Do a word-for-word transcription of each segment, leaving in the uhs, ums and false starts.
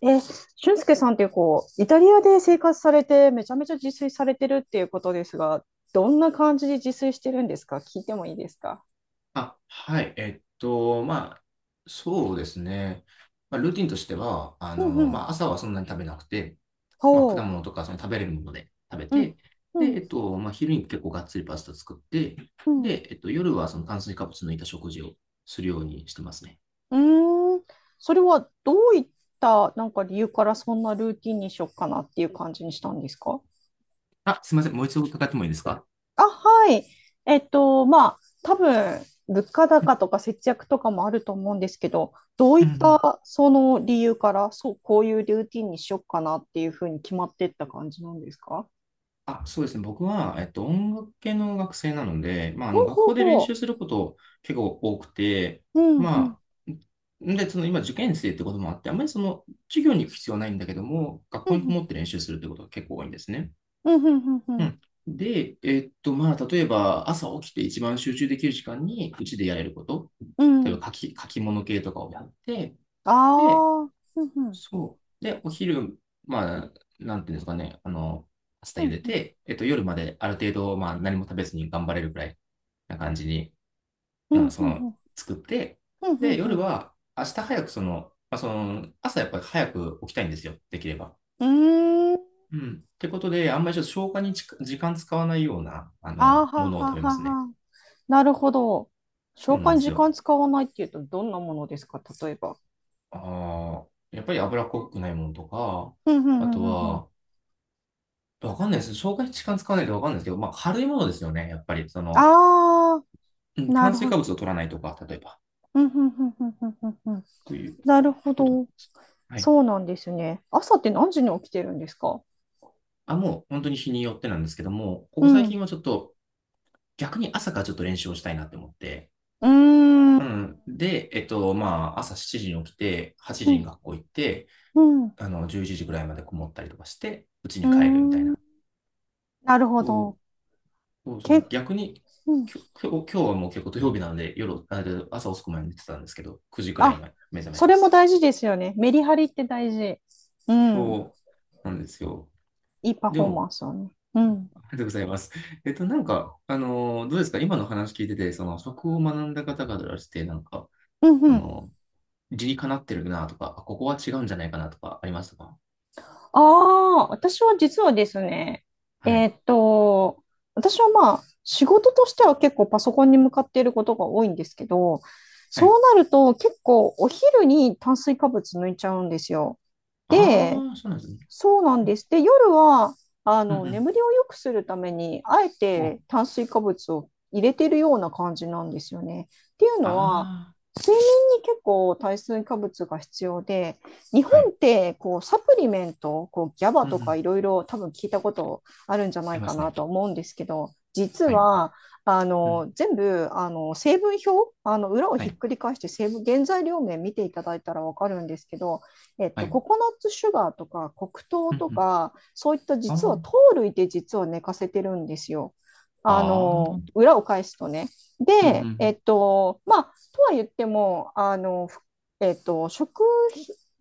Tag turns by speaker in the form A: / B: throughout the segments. A: え、俊介さんってこう、イタリアで生活されて、めちゃめちゃ自炊されてるっていうことですが、どんな感じで自炊してるんですか、聞いてもいいですか？
B: あ、はい。えっと、まあ、そうですね。まあ、ルーティンとしては、あ
A: うん
B: の、
A: う
B: ま
A: ん。
B: あ、朝はそんなに食べなくて、まあ、
A: ほ
B: 果
A: う。
B: 物とかその食べれるもので食べ
A: うん、
B: て、
A: う
B: で、え
A: ん、
B: っと、まあ、昼に結構がっつりパスタ作って、
A: うん。
B: で、えっと、夜はその炭水化物抜いた食事をするようにしてますね。
A: うーん。それはどういった、なんか理由からそんなルーティンにしよっかなっていう感じにしたんですか？
B: あ、すみません。もう一度伺ってもいいですか？
A: あ、はい。えっと、まあ、多分、物価
B: うん
A: 高とか節約とかもあると思うんですけど、どうい
B: う
A: っ
B: んうん。
A: たその理由から、そう、こういうルーティンにしよっかなっていうふうに決まってった感じなんですか？
B: あ、そうですね。僕は、えっと、音楽系の学生なので、まあ、あ
A: ほ
B: の、
A: う
B: 学
A: ほう
B: 校で練習
A: ほ
B: すること結構多くて、
A: う。うん、うん、
B: まあ、んで、その今、受験生ってこともあって、あまりその、授業に行く必要はないんだけども、学
A: う
B: 校にこ
A: ん、
B: もって練習するってことが結構多いんですね。
A: うん、うん、うん、う
B: う
A: ん。
B: ん。で、えっと、まあ、例えば、朝起きて一番集中できる時間に、うちでやれること、
A: う
B: 例え
A: ん。
B: ば、書き、書き物系とかをやって、
A: あ
B: で、
A: あ、うん、うん、
B: そう。で、お昼、まあ、なんていうんですかね、あの、パスタ
A: う
B: 茹
A: ん、
B: で
A: うん、
B: て、えっと、夜まである程度、まあ、何も食べずに頑張れるくらいな感じに、
A: う
B: うん、
A: ん、
B: そ
A: う
B: の、
A: ん、
B: 作って、
A: う
B: で、
A: ん、う
B: 夜
A: ん、
B: は、明日早くその、まあ、その、朝やっぱり早く起きたいんですよ、できれば。
A: うん。うーん。
B: うん。ってことで、あんまりちょっと消化にち時間使わないような、あ
A: ああ、
B: の、も
A: は
B: のを
A: は
B: 食べま
A: は
B: すね。
A: は。なるほど。
B: そ
A: 消
B: うなん
A: 化
B: で
A: に
B: す
A: 時
B: よ。
A: 間使わないっていうと、どんなものですか、例えば。
B: ああ、やっぱり脂っこくないものとか、
A: うんう
B: あと
A: んうんうん。
B: は、わかんないです。消化に時間使わないとわかんないですけど、まあ、軽いものですよね。やっぱり、その、
A: ああ、
B: うん、
A: な
B: 炭
A: る
B: 水
A: ほ
B: 化
A: ど。
B: 物を取らないとか、例えば、
A: うんうんうんうんうんうんうん。
B: そういう
A: なるほ
B: ことなんで
A: ど。
B: す。はい。
A: そうなんですね。朝って何時に起きてるんですか？
B: あ、もう本当に日によってなんですけども、こ
A: う
B: こ最
A: ん。う
B: 近はちょっと、逆に朝からちょっと練習をしたいなって思って、
A: ー
B: う
A: ん。
B: ん。で、えっと、まあ、朝しちじに起きて、8
A: う
B: 時に
A: ん。
B: 学校行って、
A: うん。う
B: あの、じゅういちじぐらいまでこもったりとかして、うち
A: ー
B: に帰るみたい
A: ん。
B: な。
A: なるほ
B: そう
A: ど。
B: そうそ
A: け、
B: う。逆に、
A: うん。
B: きょ今日今日はもう結構土曜日なので、夜、あ朝遅くまで寝てたんですけど、くじくらい
A: あ、
B: に目覚め
A: そ
B: ま
A: れ
B: し
A: も
B: た。
A: 大事ですよね。メリハリって大事。うん。
B: そうなんですよ。
A: いいパ
B: で
A: フォーマ
B: も、
A: ンスをね。うん。
B: ありがとうございます。えっと、なんか、あのー、どうですか、今の話聞いてて、その、食を学んだ方々からして、なんか、
A: うん
B: そ
A: うん。
B: の、理にかなってるなとか、あ、ここは違うんじゃないかなとか、ありましたか？
A: ああ、私は実はですね、
B: は
A: えー
B: い。
A: っと、私はまあ、仕事としては結構パソコンに向かっていることが多いんですけど、
B: は
A: そ
B: い。
A: うなると結構お昼に炭水化物抜いちゃうんですよ。で、
B: ああ、そうなんですね。
A: そうなんです。で、夜は、あ
B: うんう
A: の、
B: ん。
A: 眠りを良くするために、あえ
B: うん。
A: て炭水化物を入れてるような感じなんですよね。っていうのは、
B: あ
A: 睡眠に結構炭水化物が必要で、日
B: あ、
A: 本
B: はい。
A: ってこうサプリメント、こうギャバ
B: うんう
A: とか
B: ん。
A: いろいろ多分聞いたことあるんじゃな
B: あ
A: い
B: りま
A: か
B: す
A: な
B: ね。
A: と思うんですけど、実
B: はい。
A: はあ
B: うん。
A: の全部あの成分表、あの裏を
B: は
A: ひっ
B: い。
A: くり返して成分、原材料名見ていただいたら分かるんですけど、えっ
B: は
A: と、
B: い。
A: ココナッツシュガーとか黒糖
B: うん
A: と
B: うん。
A: か、そういった実は糖
B: あ
A: 類で実は寝かせてるんですよ。あ
B: あ。あ
A: の、
B: あ。
A: 裏を返すとね。
B: うんうんう
A: で、え
B: ん。
A: っと、まあ、とは言っても、あの、ふえっと、食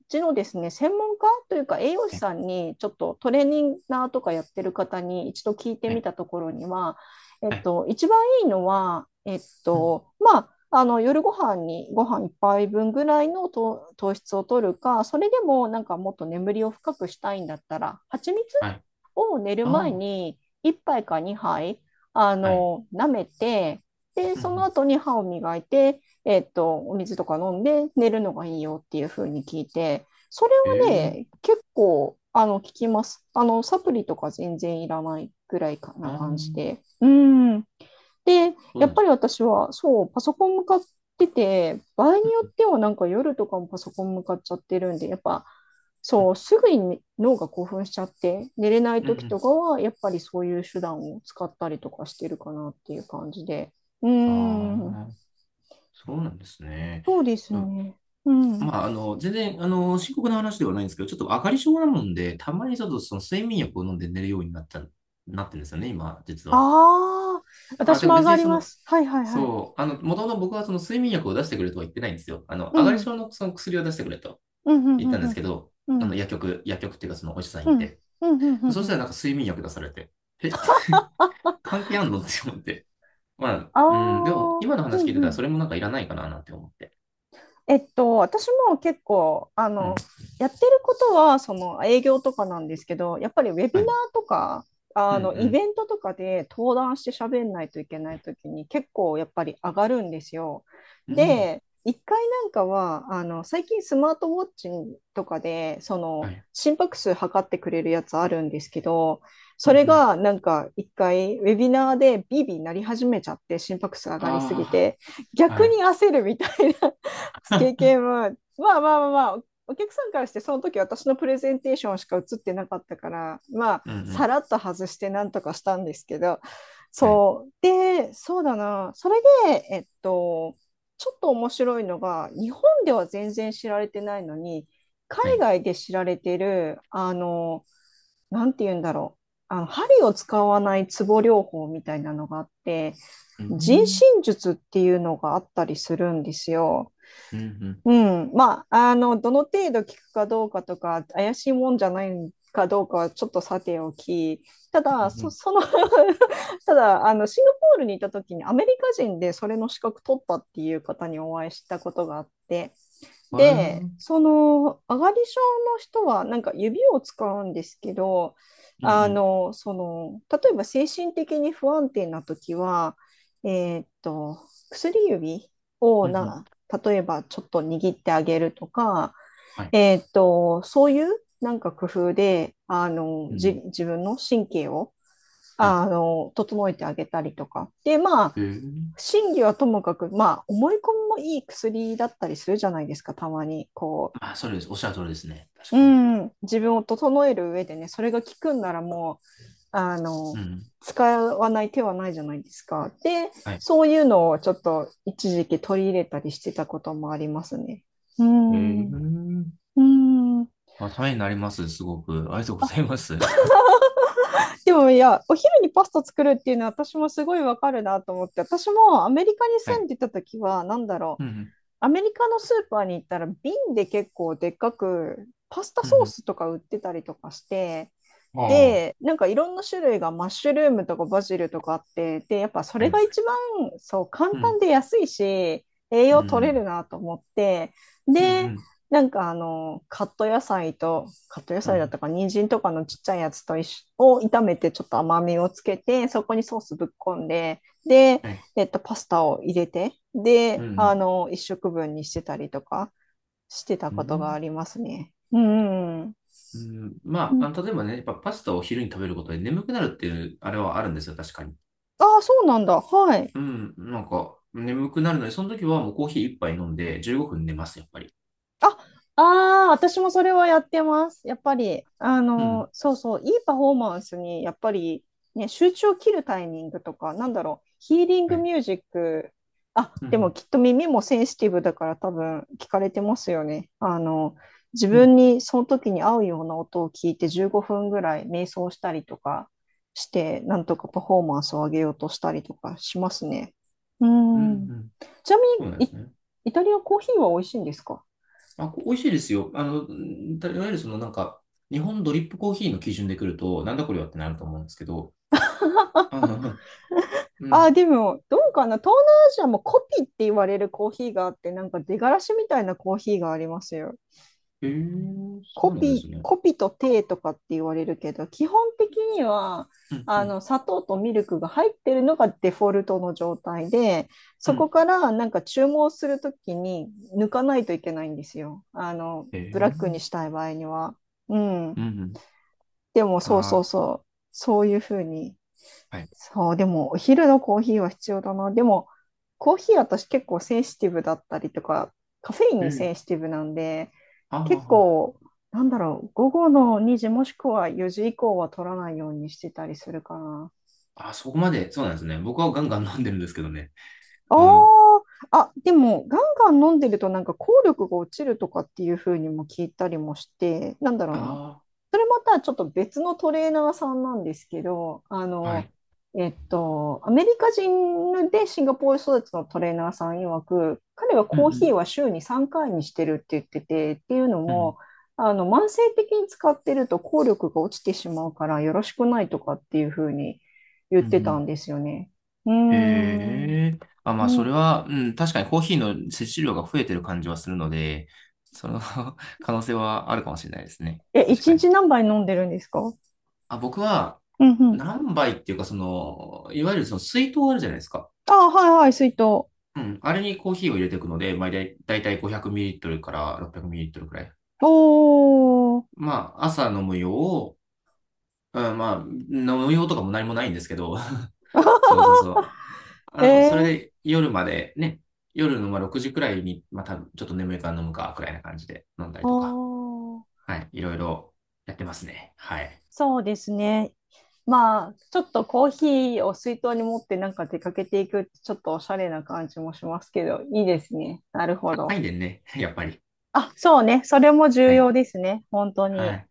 A: 事のですね、専門家というか栄養士
B: はい。
A: さんに、ちょっとトレーニンナーとかやってる方にいちど聞いて
B: は
A: み
B: い。
A: たところには、えっ
B: はい。
A: と、一番いいのは、えっ
B: うん。
A: と、まあ、あの夜ご飯にご飯いっぱいぶんぐらいの糖糖質を取るか、それでもなんかもっと眠りを深くしたいんだったら、蜂蜜
B: はい。
A: を寝る前
B: あ
A: にいっぱいかにはいあ
B: あ。はい。
A: の舐めて、で、
B: うんう
A: その
B: ん。
A: 後に歯を磨いて、えっと、お水とか飲んで寝るのがいいよっていう風に聞いて、それ
B: え
A: はね、
B: え。
A: 結構あの効きます。あのサプリとか全然いらないぐらいかな
B: ああ。
A: 感じで。うん。で、
B: そう
A: やっ
B: なんで
A: ぱ
B: す
A: り私は、そう、パソコン向かってて、場合に
B: ね。
A: よ
B: うん
A: ってはなんか夜とかもパソコン向かっちゃってるんで、やっぱ、
B: うん
A: そう、すぐに脳が興奮しちゃって、寝れない
B: うんう
A: 時と
B: ん。
A: かは、やっぱりそういう手段を使ったりとかしてるかなっていう感じで。うー
B: あ
A: ん、
B: あ、そうなんですね。
A: そうです
B: うん。
A: ね。うん。
B: まあ、あの、全然、あの、深刻な話ではないんですけど、ちょっと上がり症なもんで、たまにちょっとその睡眠薬を飲んで寝るようになった、なってるんですよね、今、実は。
A: ああ、
B: あ、
A: 私
B: でも
A: も上
B: 別
A: が
B: に
A: り
B: そ
A: ま
B: の、
A: す。はいはいはい。
B: そう、あの、もともと僕はその睡眠薬を出してくれとは言ってないんですよ。あの、
A: う
B: 上がり
A: ん、うん、
B: 症のその薬を出してくれと
A: うん、う
B: 言ったん
A: ん、う
B: ですけ
A: ん、
B: ど、
A: う
B: あの、
A: ん、
B: 薬局、薬局っていうかそのお医者さん行っ
A: うん、
B: て。
A: うん、うん、う
B: そしたら
A: ん。
B: なんか睡眠薬出されて、えって 関係あんのって思って、まあ、
A: あ
B: うん、でも、
A: あ、
B: 今の
A: う
B: 話聞い
A: ん、
B: て
A: う
B: たら、そ
A: ん、
B: れもなんかいらないかな、なんて思って。
A: えっと、私も結構、あ
B: う
A: の、
B: ん。
A: やってることは、その営業とかなんですけど、やっぱりウェビナ
B: はい。
A: ーとか、
B: う
A: あの、イ
B: ん、
A: ベントとかで登壇して喋んないといけないときに、結構やっぱり上がるんですよ。
B: うん。うん。
A: で、一回なんかは、あの、最近スマートウォッチとかで、そ
B: は
A: の、
B: い。
A: 心拍数測ってくれるやつあるんですけど、
B: う
A: そ
B: ん、う
A: れ
B: ん。
A: がなんか一回ウェビナーでビービーなり始めちゃって心拍数上がりすぎ
B: あ
A: て
B: あ、
A: 逆
B: はい。
A: に焦るみたいな経験は、まあまあまあまあ、お客さんからしてその時私のプレゼンテーションしか映ってなかったから、まあ、
B: うん、う
A: さ
B: ん。
A: らっと外してなんとかしたんですけど、
B: はい。
A: そう。で、そうだな。それで、えっと、ちょっと面白いのが、日本では全然知られてないのに、海
B: はい。
A: 外で知られてる、あの、なんて言うんだろう。あの、針を使わないツボ療法みたいなのがあって、
B: う
A: 人
B: ん。
A: 身術っていうのがあったりするんですよ。
B: うん、うん。
A: うん、まあ、あの、どの程度聞くかどうかとか、怪しいもんじゃないかどうかはちょっとさておき、た
B: う
A: だ、そ、
B: ん、
A: その ただ、あの、シンガポールにいた時にアメリカ人でそれの資格取ったっていう方にお会いしたことがあって、
B: うん。へえ。う
A: で、
B: ん、
A: その上がり症の人はなんか指を使うんですけど、
B: う
A: あ
B: ん。
A: の、その、例えば精神的に不安定な時は、えーっと、薬指を
B: うん、うん。
A: な、例えばちょっと握ってあげるとか、
B: はい。
A: えーっと、そういうなんか工夫で、あの、
B: う
A: じ、
B: ん。
A: 自分の神経を、
B: はい。
A: あの、整えてあげたりとか。で、まあ、
B: へえ。
A: 真偽はともかく、まあ、思い込みもいい薬だったりするじゃないですか、たまに。こう、
B: まあ、それです。おっしゃる通りですね。
A: う
B: 確かに。
A: ん、自分を整える上でね、それが効くんならもう、あの、
B: うん。
A: 使わない手はないじゃないですか。で、
B: はい。
A: そういうのをちょっといちじき取り入れたりしてたこともありますね。う
B: へ
A: ん。
B: え。
A: うん。
B: あ、ためになります。すごく。ありがとうござ
A: あ、
B: います。
A: でもいや、お昼にパスタ作るっていうのは私もすごいわかるなと思って、私もアメリカに
B: は
A: 住ん
B: い。
A: でた時は、なんだろ
B: う
A: う、
B: ん、うん。
A: アメリカのスーパーに行ったら瓶で結構でっかくパスタ
B: うん、う
A: ソー
B: ん。
A: スとか売ってたりとかして、
B: あ
A: で、なんかいろんな種類がマッシュルームとかバジルとかあって、で、やっぱそ
B: あ、あり
A: れ
B: ま
A: が
B: すね。
A: 一番そう簡
B: う
A: 単
B: ん。
A: で安いし、栄
B: うん、
A: 養
B: う
A: 取れる
B: ん。
A: なと思って、
B: うん、う
A: で、
B: ん。
A: なんかあの、カット野菜と、カット野
B: う
A: 菜だっ
B: ん。
A: たか、人参とかのちっちゃいやつと一緒を炒めてちょっと甘みをつけて、そこにソースぶっこんで、で、
B: はい。
A: えっと、パスタを入れて、
B: う
A: で、あ
B: ん。
A: の、いっしょくぶんにしてたりとかしてた
B: う
A: ことが
B: ん。
A: ありますね。うんうんうん。
B: うん。
A: う
B: まあ、
A: ん。
B: あの、例えばね、やっぱパスタを昼に食べることで眠くなるっていう、あれはあるんですよ、確かに。
A: ああ、そうなんだ。はい。
B: うん。なんか、眠くなるので、その時はもうコーヒー一杯飲んでじゅうごふん寝ます、やっぱり。
A: あ、ああ、私もそれはやってます。やっぱり、あ
B: う
A: の、
B: ん。
A: そうそう、いいパフォーマンスに、やっぱり、ね、集中を切るタイミングとか、なんだろう、ヒーリン
B: は
A: グ
B: い。
A: ミュージック、あ、
B: う
A: でも
B: ん。
A: きっと耳もセンシティブだから多分聞かれてますよね。あの、自
B: う
A: 分
B: ん。
A: にその時に合うような音を聞いてじゅうごふんぐらい瞑想したりとかして、なんとかパフォーマンスを上げようとしたりとかしますね。う
B: うん。う
A: ん。
B: ん。
A: ちなみ
B: そうなんで
A: に、
B: す
A: イ、
B: ね。
A: イタリアコーヒーは美味しいんですか？
B: あ、こ美味しいですよ。あの、うん、たいわゆるそのなんか、日本ドリップコーヒーの基準で来ると、なんだこれはってなると思うんですけど。あ、うんう
A: あー、
B: ん。
A: でも、どうかな、東南アジアもコピって言われるコーヒーがあって、なんか出がらしみたいなコーヒーがありますよ。
B: へえー、そ
A: コ
B: うなんで
A: ピ、
B: すね。
A: コピとテーとかって言われるけど、基本的には、
B: うん。う
A: あ
B: ん。
A: の、砂糖とミルクが入ってるのがデフォルトの状態で、
B: う
A: そこ
B: ん。
A: からなんか注文するときに抜かないといけないんですよ。あの、
B: へえ
A: ブラッ
B: ー。
A: クにしたい場合には。うん。
B: うん。
A: でも、そうそう
B: ああ
A: そう。そういうふうに、
B: ー、はい。
A: そう、でもお昼のコーヒーは必要だな。でも、コーヒー私結構センシティブだったりとか、カフェイン
B: え
A: に
B: ー。
A: センシティブなんで、結
B: あ
A: 構、なんだろう、午後のにじもしくはよじ以降は取らないようにしてたりするかな。
B: あ、あ、そこまで、そうなんですね。僕はガンガン飲んでるんですけどね。
A: あ
B: うん。
A: ー。あ、でも、ガンガン飲んでるとなんか効力が落ちるとかっていう風にも聞いたりもして、なんだろうな。
B: あ
A: それまたちょっと別のトレーナーさんなんですけど、あ
B: あ、は
A: の、
B: い。
A: えっと、アメリカ人でシンガポール育ちのトレーナーさん曰く、彼は
B: う
A: コーヒー
B: ん
A: は週にさんかいにしてるって言ってて、っていうの
B: うん。うん。
A: も、あの、慢性的に使ってると効力が落ちてしまうからよろしくないとかっていうふうに言っ
B: うん
A: て
B: う
A: た
B: ん。
A: んですよね。うー
B: へ
A: ん。
B: え。あ、
A: う
B: まあ、それ
A: ん。
B: は、うん、確かにコーヒーの摂取量が増えてる感じはするので、その 可能性はあるかもしれないですね。
A: え、
B: 確
A: 一
B: かに。
A: 日何杯飲んでるんですか？
B: あ、僕は、
A: うんうん。
B: 何杯っていうか、その、いわゆるその水筒あるじゃないですか。
A: あ、はいはい、水筒。お
B: うん。あれにコーヒーを入れていくので、まあ、だいたいたい ごひゃくミリリットル から ろっぴゃくミリリットル くミリリットルくらい。
A: ー。
B: まあ、朝飲む用、うん、まあ、飲用とかも何もないんですけど、そうそうそう。あ
A: え
B: の、それ
A: ー
B: で夜までね、夜のまあろくじくらいに、まあ多分ちょっと眠いから飲むか、くらいな感じで飲んだりとか、
A: おー、
B: はい、いろいろやってますね。はい。
A: そうですね。まあ、ちょっとコーヒーを水筒に持ってなんか出かけていくってちょっとおしゃれな感じもしますけど、いいですね。なるほ
B: 高
A: ど。
B: いねんで、ね、やっぱり。
A: あ、そうね。それも重
B: は
A: 要
B: い。
A: ですね。本当
B: は
A: に。
B: い。